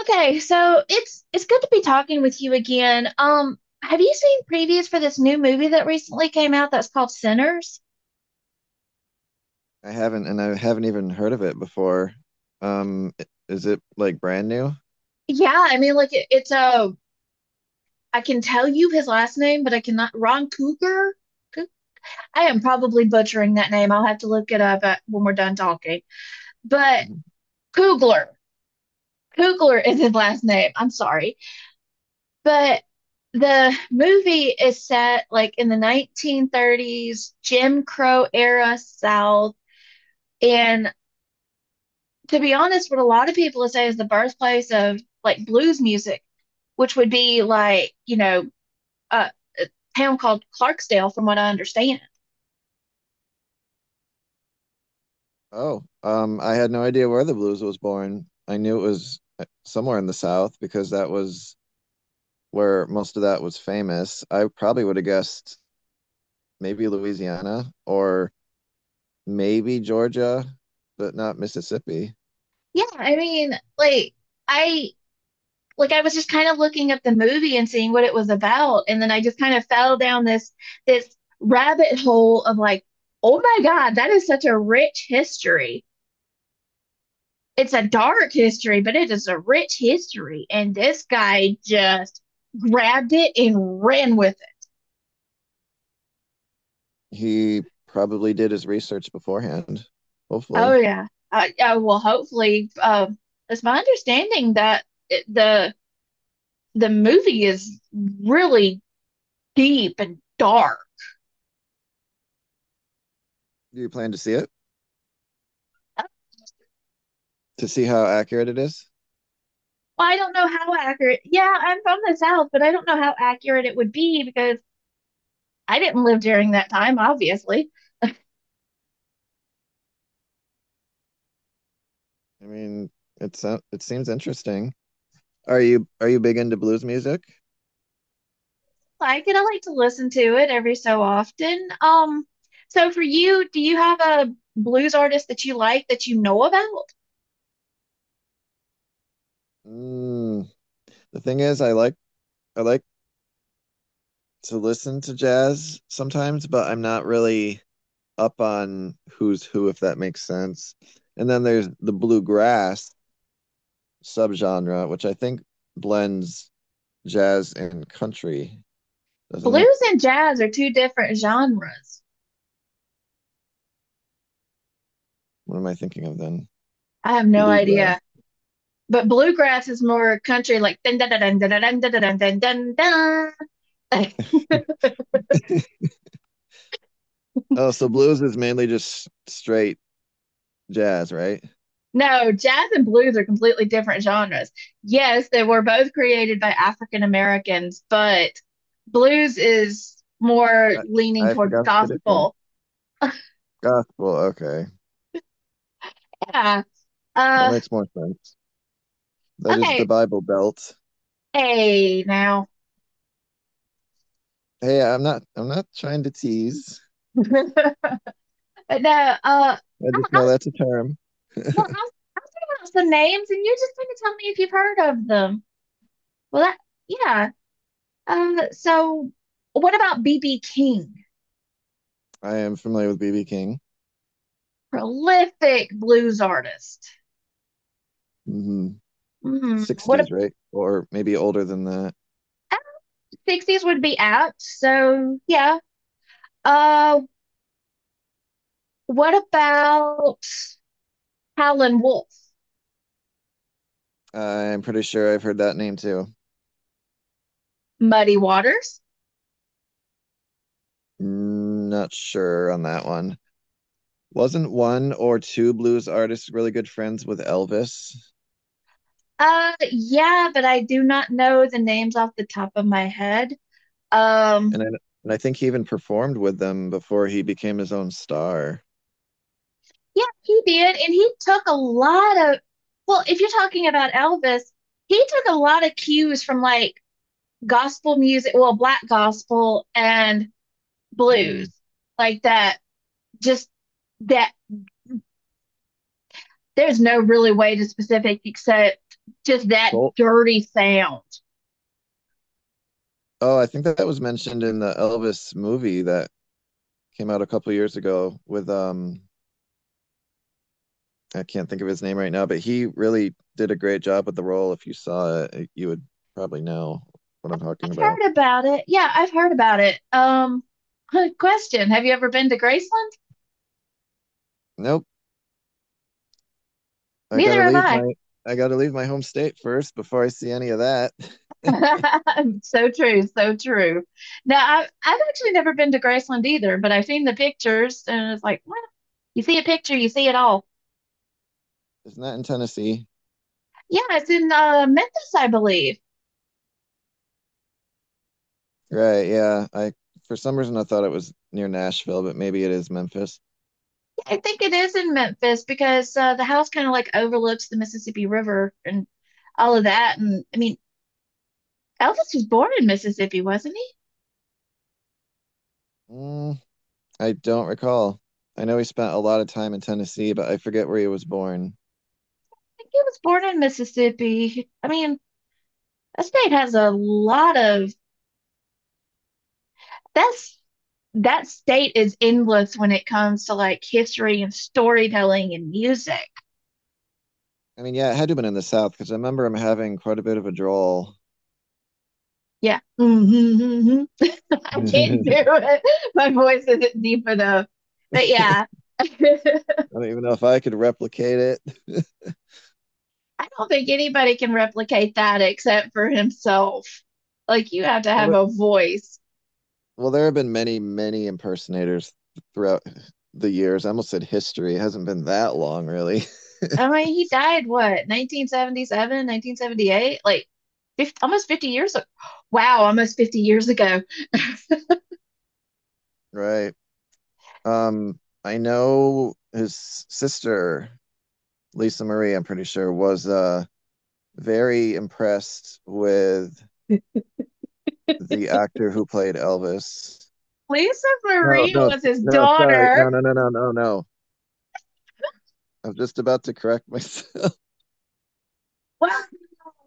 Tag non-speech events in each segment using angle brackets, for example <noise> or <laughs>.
Okay, so it's good to be talking with you again. Have you seen previews for this new movie that recently came out that's called Sinners? I haven't, and I haven't even heard of it before. Is it like brand new? Yeah, I mean, like it, it's a I can tell you his last name, but I cannot. Ron Cougar. Cou- I am probably butchering that name. I'll have to look it up when we're done talking. But Mhm. Coogler, Coogler is his last name. I'm sorry, but the movie is set like in the 1930s Jim Crow era South. And to be honest, what a lot of people say is the birthplace of like blues music, which would be like, uh, a town called Clarksdale, from what I understand. Oh, I had no idea where the blues was born. I knew it was somewhere in the South because that was where most of that was famous. I probably would have guessed maybe Louisiana or maybe Georgia, but not Mississippi. Yeah, I mean, like I I was just kind of looking up the movie and seeing what it was about, and then I just kind of fell down this rabbit hole of like, oh my God, that is such a rich history. It's a dark history, but it is a rich history, and this guy just grabbed it and ran with it. He probably did his research beforehand, Oh hopefully. yeah. I well, hopefully, it's my understanding that it, the movie is really deep and dark. Do you plan to see it? To see how accurate it is? Well, I don't know how accurate. Yeah, I'm from the South, but I don't know how accurate it would be because I didn't live during that time, obviously. I mean, it seems interesting. Are you big into blues music? Like, and I like to listen to it every so often. So for you, do you have a blues artist that you like that you know about? Mm. The thing is, I like to listen to jazz sometimes, but I'm not really up on who's who, if that makes sense. And then there's the bluegrass subgenre, which I think blends jazz and country, doesn't it? Blues and jazz are two different genres. What am I thinking of then? I have no Bluegrass. idea. But bluegrass is more country, like dun dun dun dun dun dun dun dun dun dun dun. <laughs> <laughs> Oh, so blues is mainly just straight jazz, right? No, jazz and blues are completely different genres. Yes, they were both created by African Americans, but blues is more I, leaning I toward forgot the difference. gospel. <laughs> Gospel, okay. Yeah. That Uh, makes more sense. That is the okay. Bible Belt. Hey, now. <laughs> Hey, I'm not trying to tease. No, uh, I, I I just know was, that's a term. well, I was thinking about some names, and you're just going to tell me if you've heard of them. Well, that, yeah. So what about B.B. King? I am familiar with BB King. Prolific blues artist. Hmm. Hmm. What about 60s, right? Or maybe older than that. 60s would be apt. So, yeah. Uh, what about Howlin' Wolf? I'm pretty sure I've heard that name too. Muddy Waters? Mm, not sure on that one. Wasn't one or two blues artists really good friends with Elvis? Yeah, but I do not know the names off the top of my head. Um, And I, and I think he even performed with them before he became his own star. yeah, he did, and he took a lot of, well, if you're talking about Elvis, he took a lot of cues from like gospel music, well, black gospel and Hmm. blues, like that, just that there's no really way to specific except just that Soul. dirty sound. Oh, I think that was mentioned in the Elvis movie that came out a couple of years ago with I can't think of his name right now, but he really did a great job with the role. If you saw it, you would probably know what I'm talking I've about. heard about it. Yeah, I've heard about it. <laughs> Question. Have you ever been to Graceland? Nope, I Neither gotta have leave I. my I gotta leave my home state first before I see any of that. <laughs> <laughs> So true, so true. Now, I've actually never been to Graceland either, but I've seen the pictures and it's like, well, you see a picture, you see it all. It's not in Tennessee, Yeah, it's in Memphis, I believe. right? Yeah, I For some reason I thought it was near Nashville, but maybe it is Memphis. Yeah, I think it is in Memphis because the house kind of like overlooks the Mississippi River and all of that. And I mean, Elvis was born in Mississippi, wasn't he? I Mm, I don't recall. I know he spent a lot of time in Tennessee, but I forget where he was born. think he was born in Mississippi. I mean, that state has a lot of that's that state is endless when it comes to like history and storytelling and music. I mean, yeah, it had to have been in the South because I remember him having quite a bit of a drawl. Yeah. Mm-hmm, mm-hmm. <laughs> I can't <laughs> I do it. My voice isn't deep enough. But don't yeah, <laughs> I even know if I could replicate it. <laughs> don't think anybody can replicate that except for himself. Like, you have to well, have there, a voice. well, there have been many, many impersonators throughout the years. I almost said history. It hasn't been that long, really. I <laughs> mean, he died what, 1977, 1978? Like, 50, almost 50 years ago. <gasps> Wow, almost 50 years ago. Right. Um, I know his sister, Lisa Marie, I'm pretty sure, was very impressed with the actor who played Elvis. Lisa No, Marie no, was his no, sorry. No, daughter. no, no, no, no, no. I'm just about to correct myself. <laughs> <laughs> Wow.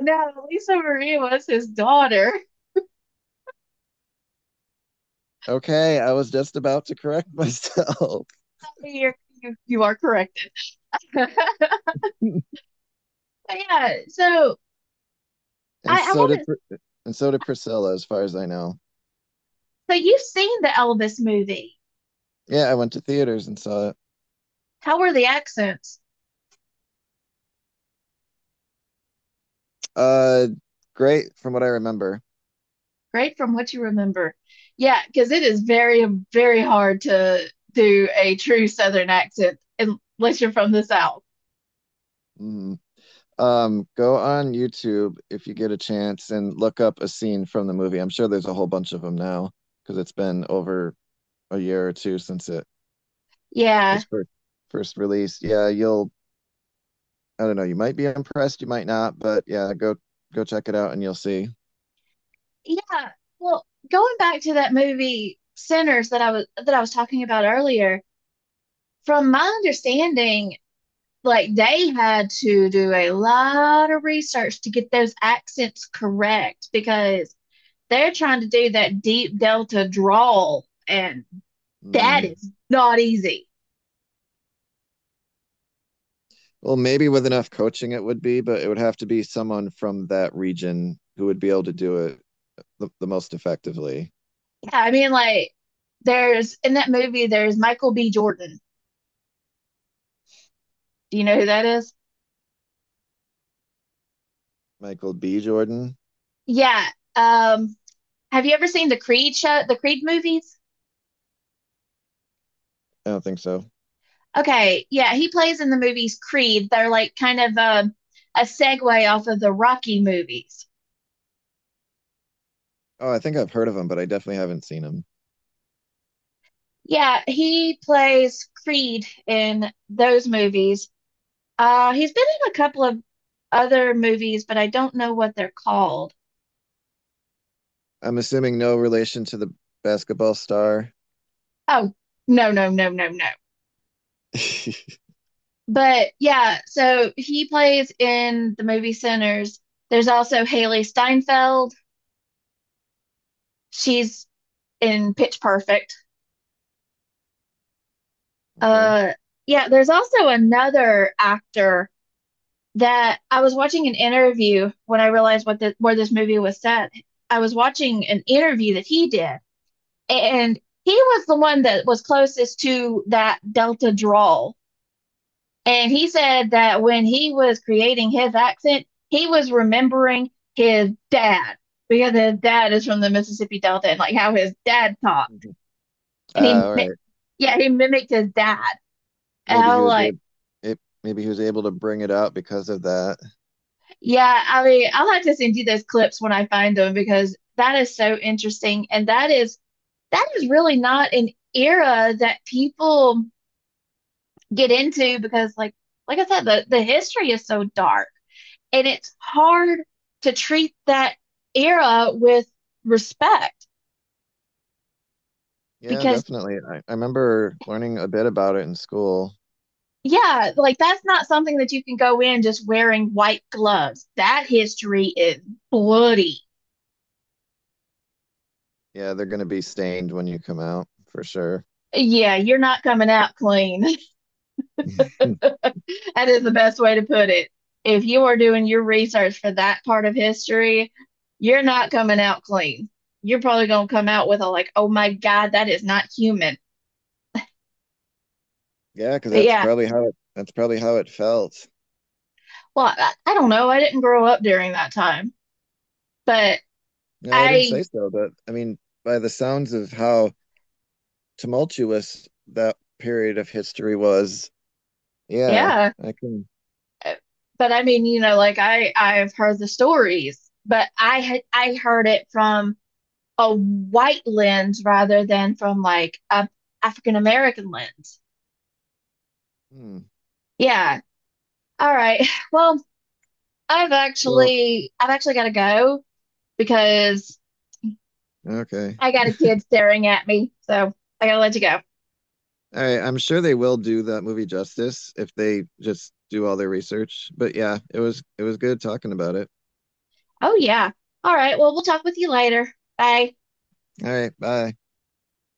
No, Lisa Marie was his daughter. Okay, I was just about to correct myself. You're, you are corrected. <laughs> But <laughs> yeah, so and I so did haven't. and so did Priscilla, as far as I know. So you've seen the Elvis movie. Yeah, I went to theaters and saw it. How were the accents? Uh, Great from what I remember. Great from what you remember. Yeah, because it is very, very hard to do a true Southern accent unless you're from the South. Mhm. Go on YouTube if you get a chance and look up a scene from the movie. I'm sure there's a whole bunch of them now because it's been over a year or two since it Yeah. was first released. Yeah, you'll I don't know, you might be impressed, you might not, but yeah, go check it out and you'll see. Yeah. Well, going back to that movie Sinners that I was talking about earlier, from my understanding, like they had to do a lot of research to get those accents correct because they're trying to do that deep delta drawl and that Mm. is not easy. Well, maybe with enough coaching it would be, but it would have to be someone from that region who would be able to do it the most effectively. Yeah, I mean like there's in that movie there's Michael B. Jordan. Do you know who that is? Michael B. Jordan? Yeah. Um have you ever seen the Creed movies? I don't think so. Okay, yeah, he plays in the movies Creed. They're like kind of a segue off of the Rocky movies. Oh, I think I've heard of him, but I definitely haven't seen him. Yeah, he plays Creed in those movies. He's been in a couple of other movies, but I don't know what they're called. I'm assuming no relation to the basketball star. Oh, no. <laughs> Okay. But yeah, so he plays in the movie Sinners. There's also Haley Steinfeld. She's in Pitch Perfect. Uh, yeah, there's also another actor that I was watching an interview when I realized where this movie was set. I was watching an interview that he did and he was the one that was closest to that Delta drawl. And he said that when he was creating his accent, he was remembering his dad because his dad is from the Mississippi Delta and like how his dad talked. Mm-hmm. Uh, And he, all right. yeah, he mimicked his dad. And Maybe I he was was like, able. Maybe he was able to bring it out because of that. yeah, I mean, I'll have to send you those clips when I find them because that is so interesting. That is really not an era that people get into because like I said, the history is so dark and it's hard to treat that era with respect Yeah, because definitely. I remember learning a bit about it in school. yeah, like that's not something that you can go in just wearing white gloves. That history is bloody. Yeah, they're going to be stained when you come out for sure. Yeah, you're not coming out clean. <laughs> <laughs> That is the best way to put it. If you are doing your research for that part of history, you're not coming out clean. You're probably going to come out with a like, oh my God, that is not human. Yeah, because But yeah, that's probably how it felt. well, I don't know. I didn't grow up during that time, but No, I didn't I, say so, but I mean, by the sounds of how tumultuous that period of history was, yeah, yeah. I can. But I mean, you know, like I've heard the stories, but I heard it from a white lens rather than from like a African American lens. Hmm. Yeah. All right. <laughs> Well, Well, I've actually got to go because okay. I got a kid staring at me, so I gotta let you go. All right, I'm sure they will do that movie justice if they just do all their research. But yeah, it was good talking about it. Oh yeah. All right. Well, we'll talk with you later. Bye. All right, bye.